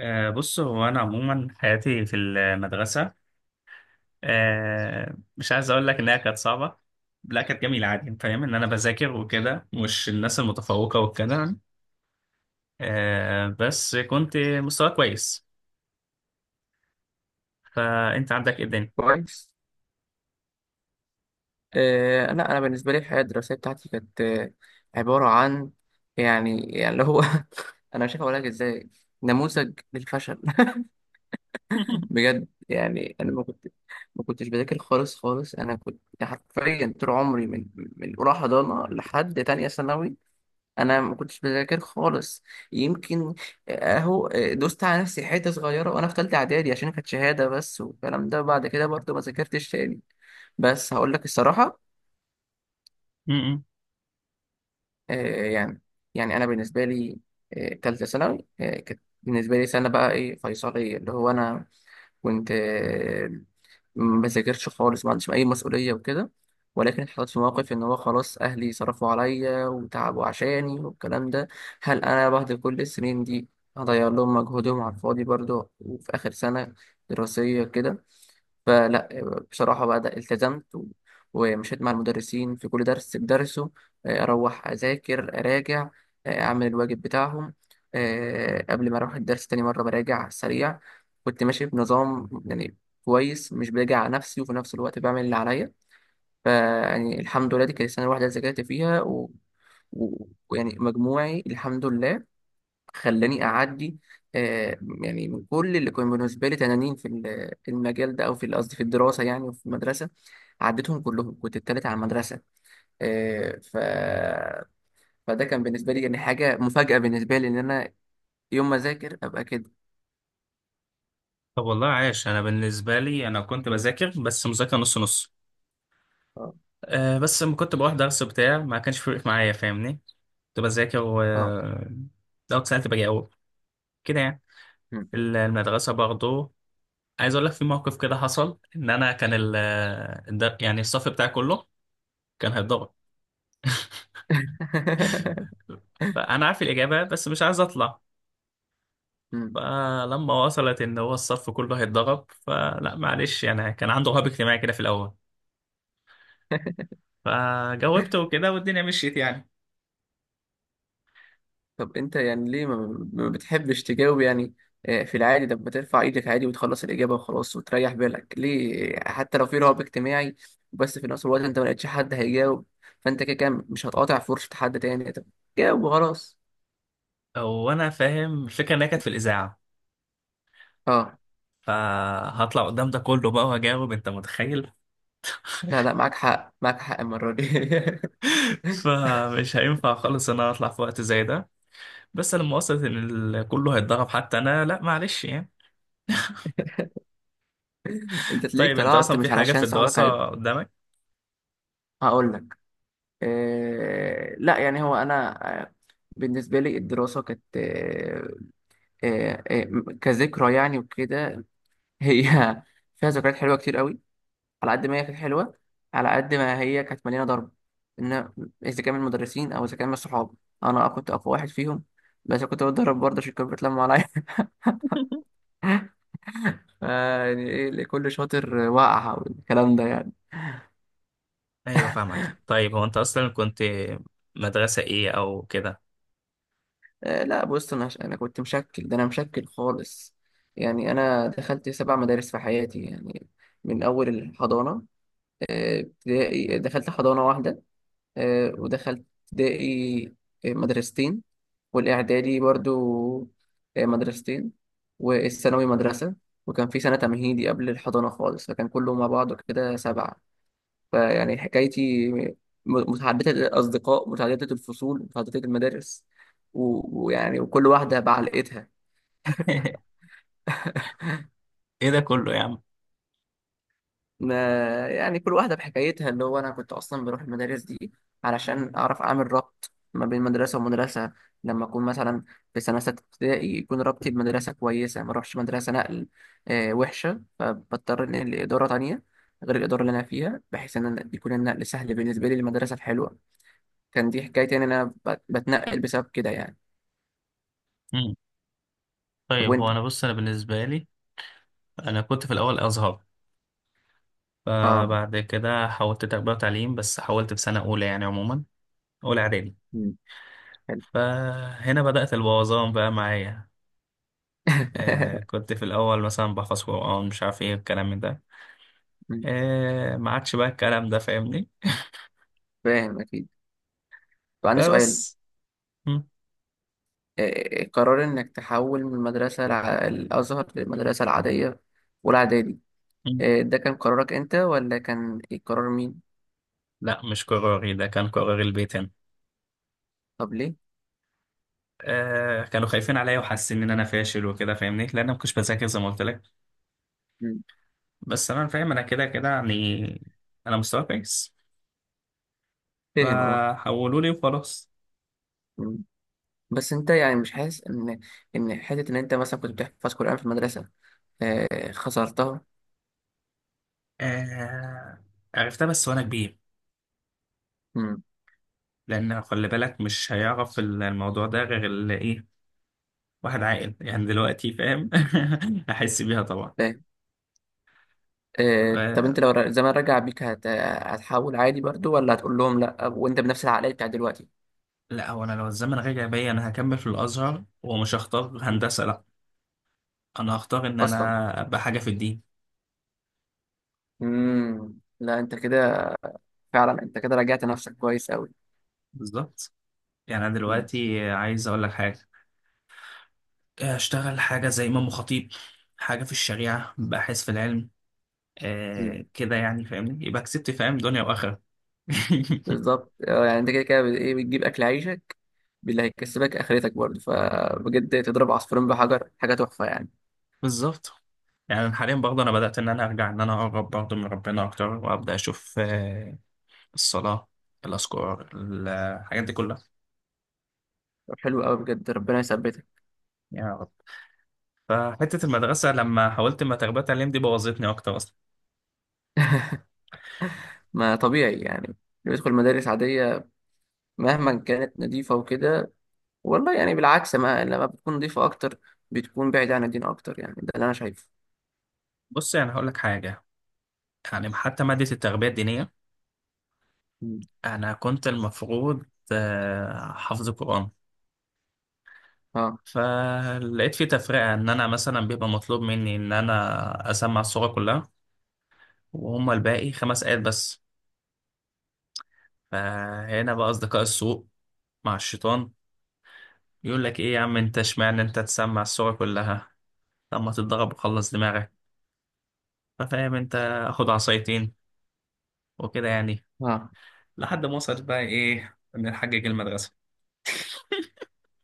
بص، هو أنا عموما حياتي في المدرسة، مش عايز أقول لك إنها كانت صعبة. لا، كانت جميلة عادي، فاهم إن أنا بذاكر وكده، مش الناس المتفوقة وكده. بس كنت مستوى كويس. فأنت عندك إيه الدنيا؟ كويس. لا، انا بالنسبه لي الحياه الدراسيه بتاعتي كانت، عباره عن يعني اللي هو. انا مش هقول لك ازاي، نموذج للفشل. بجد، يعني انا ما كنتش بذاكر خالص خالص. انا كنت حرفيا طول عمري من اولى حضانه لحد تانية ثانوي. انا ما كنتش بذاكر خالص، يمكن، اهو، دوست على نفسي حته صغيره وانا في ثالثه اعدادي عشان كانت شهاده بس، والكلام ده بعد كده برضه ما ذاكرتش تاني. بس هقول لك الصراحه، م-م. يعني، انا بالنسبه لي، تالتة ثانوي كانت بالنسبه لي سنه بقى ايه فيصليه، اللي هو انا كنت، ما بذاكرش خالص، ما عنديش اي مسؤوليه وكده. ولكن اتحطيت في موقف ان هو خلاص، اهلي صرفوا عليا وتعبوا عشاني والكلام ده. هل انا بعد كل السنين دي هضيع لهم مجهودهم على الفاضي برضه؟ وفي اخر سنه دراسيه كده، فلا. بصراحة بقى، ده التزمت ومشيت مع المدرسين في كل درس بدرسه. أروح أذاكر أراجع، أعمل الواجب بتاعهم، قبل ما أروح الدرس تاني مرة براجع سريع. كنت ماشي بنظام يعني، كويس، مش براجع على نفسي وفي نفس الوقت بعمل اللي عليا. فيعني الحمد لله، دي كانت السنة الواحدة اللي ذاكرت فيها و- ويعني مجموعي الحمد لله خلاني اعدي. آه، يعني من كل اللي كانوا بالنسبه لي تنانين في المجال ده، او في قصدي في الدراسه يعني، وفي المدرسه عديتهم كلهم، كنت التالت على المدرسه. آه، ف فده كان بالنسبه لي يعني حاجه مفاجاه بالنسبه لي، ان انا يوم ما اذاكر ابقى كده. طب والله عايش، أنا بالنسبة لي أنا كنت بذاكر بس مذاكرة نص نص. اه، بس لما كنت بروح درس بتاع ما كانش فارق معايا فاهمني. كنت بذاكر و اه. لو اتسألت بجاوب كده يعني. مم. المدرسة برضه، عايز اقول لك في موقف كده حصل ان انا كان يعني الصف بتاعي كله كان هيتضغط. فانا عارف الاجابه بس مش عايز اطلع. مم. فلما وصلت ان هو الصف كله هيتضغط فلا معلش يعني، كان عنده رهاب اجتماعي كده في الاول. فجاوبت وكده والدنيا مشيت يعني. طب انت، يعني ليه ما بتحبش تجاوب يعني؟ في العادي لما ترفع ايدك عادي وتخلص الاجابه وخلاص وتريح بالك، ليه؟ حتى لو في رهاب اجتماعي، بس في نفس الوقت انت ما لقيتش حد هيجاوب، فانت كده كده مش هتقاطع فرصه حد تاني، طب جاوب وخلاص. وانا فاهم الفكره انها كانت في الاذاعه، اه، فهطلع قدام ده كله بقى وهجاوب، انت متخيل؟ لا لا، معاك حق معاك حق المره دي. فمش هينفع خالص ان انا اطلع في وقت زي ده. بس لما وصلت ان كله هيتضرب حتى انا، لا معلش يعني. انت تلاقيك طيب انت اصلا طلعت في مش حاجة في علشان صاحبك الدراسة هيط-. قدامك؟ هقول لك، لا، يعني هو انا، بالنسبه لي الدراسه كانت، كذكرى يعني وكده. هي، فيها ذكريات حلوه كتير قوي. على قد ما هي كانت حلوه، على قد ما هي كانت مليانه ضرب، ان اذا كان من المدرسين او اذا كان من الصحاب. انا كنت اقوى واحد فيهم، بس كنت بتضرب برضه عشان كانوا بيتلموا عليا. يعني ايه اللي كل شاطر وقع والكلام ده يعني. ايوه فاهمك. طيب هو انت اصلا كنت مدرسة ايه او كده؟ لا بص، انا كنت مشكل، ده انا مشكل خالص. يعني انا دخلت 7 مدارس في حياتي يعني، من اول الحضانه. ابتدائي دخلت حضانه واحده، ودخلت ابتدائي مدرستين، والإعدادي برضو مدرستين، والثانوي مدرسة، وكان في سنة تمهيدي قبل الحضانة خالص، فكان كله مع بعضه كده 7. فيعني حكايتي، متعددة الأصدقاء، متعددة الفصول، متعددة المدارس، ويعني وكل واحدة بعلقتها. ايه ده كله يا عم؟ ما يعني كل واحدة بحكايتها، اللي هو أنا كنت أصلا بروح المدارس دي علشان أعرف أعمل ربط ما بين مدرسة ومدرسة. لما أكون مثلا في سنة 6 ابتدائي، يكون ربطي بمدرسة كويسة، ما أروحش مدرسة نقل وحشة، فبضطر إنقل لإدارة تانية غير الإدارة اللي أنا فيها، بحيث إن أنا يكون النقل سهل بالنسبة لي للمدرسة الحلوة. كان دي حكايتي، إن أنا بتنقل بسبب كده يعني. مم. طب طيب وأنت؟ هو انا بص، انا بالنسبه لي انا كنت في الاول ازهر. آه. فبعد كده حولت تربيه وتعليم، بس حولت في سنه اولى يعني، عموما اولى اعدادي. مم، حلو. فهنا بدات البوظان بقى معايا. كنت في الاول مثلا بحفظ قران مش عارف ايه الكلام من ده. مم، ما عادش بقى الكلام ده فاهمني. فاهم أكيد. طب عندي سؤال، فبس. قرار إنك تحول من المدرسة الأزهر للمدرسة العادية والإعدادي، مم. ده كان قرارك أنت ولا كان قرار مين؟ لا مش قراري، ده كان قرار البيت هنا. طب ليه؟ كانوا خايفين عليا وحاسين ان انا فاشل وكده فاهمني، لان انا ما كنتش بذاكر زي ما قلت لك. مم. بس انا فاهم انا كده كده يعني، انا مستوى كويس. فاهم أه. فحولوا لي وخلاص. مم. بس أنت يعني مش حاسس إن، حتة إن أنت مثلا كنت بتحفظ قرآن في المدرسة، خسرتها؟ آه عرفتها بس وانا كبير. مم. لان خلي بالك، مش هيعرف الموضوع ده غير اللي ايه، واحد عاقل يعني دلوقتي فاهم. احس بيها طبعا. فاهم، طب آه أنت لو زمان رجع بيك هتحول عادي برضو، ولا هتقول لهم لأ وأنت بنفس العقلية بتاعت دلوقتي؟ لا هو انا لو الزمن رجع بيا انا هكمل في الازهر ومش هختار مم. هندسه، لا. انا هختار ان أصلا. انا ابقى حاجه في الدين. مم. لا أنت كده، فعلا أنت كده رجعت نفسك كويس بالظبط. يعني انا أوي. دلوقتي عايز اقول لك حاجه. اشتغل حاجه زي امام خطيب، حاجه في الشريعه، باحث في العلم. كده يعني فاهمني، يبقى كسبت فاهم، دنيا واخره. بالظبط. يعني انت كده كده بت- ايه بتجيب اكل عيشك باللي هيكسبك اخرتك برضه، فبجد تضرب عصفورين بحجر، حاجه تحفه يعني. بالظبط. يعني حاليا برضه انا بدات ان انا ارجع ان انا اقرب برضه من ربنا اكتر وابدا اشوف الصلاه، الاذكار، الحاجات دي كلها. طب حلو قوي، بجد ربنا يثبتك. يا رب. فحته المدرسه لما حاولت ما تربيه تعليم دي بوظتني اكتر اصلا. ما طبيعي يعني اللي بيدخل مدارس عاديه، مهما كانت نظيفه وكده. والله يعني بالعكس، ما لما بتكون نظيفه اكتر، بتكون بعيده عن الدين اكتر يعني، ده اللي انا شايفه. بص يعني هقول لك حاجه، يعني حتى ماده التربيه الدينيه، مم. انا كنت المفروض حافظ قرآن. اه، فلقيت في تفرقة ان انا مثلا بيبقى مطلوب مني ان انا اسمع السورة كلها، وهم الباقي 5 آيات بس. فهنا بقى اصدقاء السوء مع الشيطان يقول لك ايه يا عم، انت اشمعنى انت تسمع السورة كلها؟ لما تتضرب وخلص دماغك. ففاهم انت، اخد عصايتين وكده يعني. اه. لحد ما وصلت بقى ايه، نحجج المدرسة.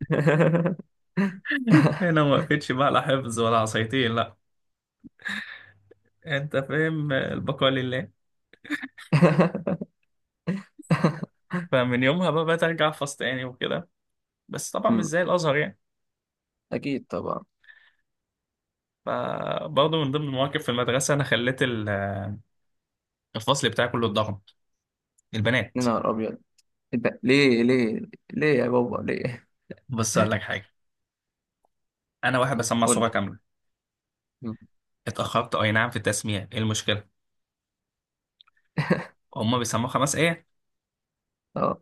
هنا ما وقفتش بقى لا حفظ ولا عصايتين، لا. انت فاهم، البقاء لله. فمن يومها بقى بقيت ارجع احفظ تاني وكده، بس طبعا مش أمم، زي الازهر يعني. اكيد طبعا. فبرضه من ضمن المواقف في المدرسه، انا خليت الفصل بتاعي كله اتضرب، يا البنات. نهار ابيض! إيه ده؟ ليه ليه ليه يا بابا ليه؟ بس اقول لك حاجه، انا واحد بسمع صوره قول كامله. لي. اتاخرت اي نعم في التسميع، ايه المشكله؟ هما بيسمعوا 5 ايه. اه.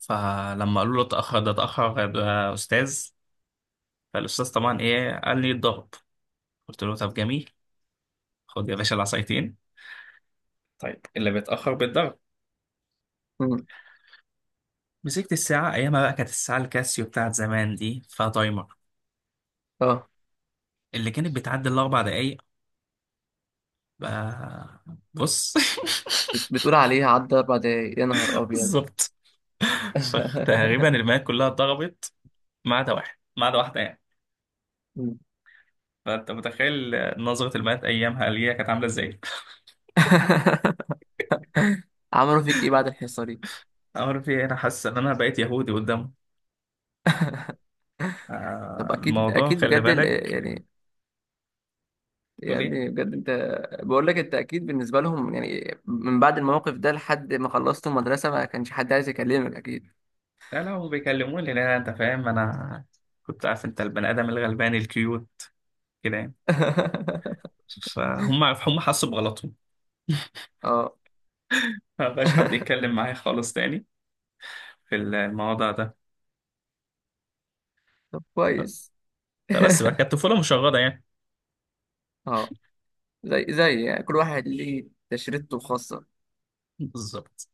فلما قالوا له اتاخر ده، اتاخر ده استاذ، فالاستاذ طبعا ايه قال لي اتضرب. قلت له طب جميل، خد يا باشا العصايتين. طيب اللي بيتاخر بيتضرب. مم. مسكت الساعه، ايامها بقى كانت الساعه الكاسيو بتاعت زمان دي فيها تايمر، اه. اللي كانت بتعدي الأربع دقايق. بقى- بص. بتقول عليه عدى 4 دقايق يا نهار أبيض؟ بالظبط. فتقريبا المايات كلها اتضربت، ما عدا واحد، ما عدا واحدة يعني. مم. فأنت متخيل نظرة المايات أيامها اللي هي كانت عاملة إزاي. عملوا فيك إيه بعد الحصة دي؟ أمر في إيه؟ أنا حاسس إن أنا بقيت يهودي قدامه. طب أكيد الموضوع أكيد، خلي بجد بالك. يعني، تقول إيه؟ بجد أنت، بقول لك أنت أكيد بالنسبة لهم يعني من بعد الموقف ده لحد ما خلصت المدرسة ما كانش حد عايز يكلمك أكيد. لا لا، هم بيكلموني، لا أنت فاهم، أنا كنت عارف، أنت البني آدم الغلباني الكيوت كده يعني. فهم حسوا بغلطهم. اه. ما بقاش حد يتكلم معايا خالص تاني في الموضوع ده. طب كويس. لا بس بقى كانت طفولة مشردة يعني. اه. زي يعني كل واحد ليه تشريطه الخاصة. بالظبط.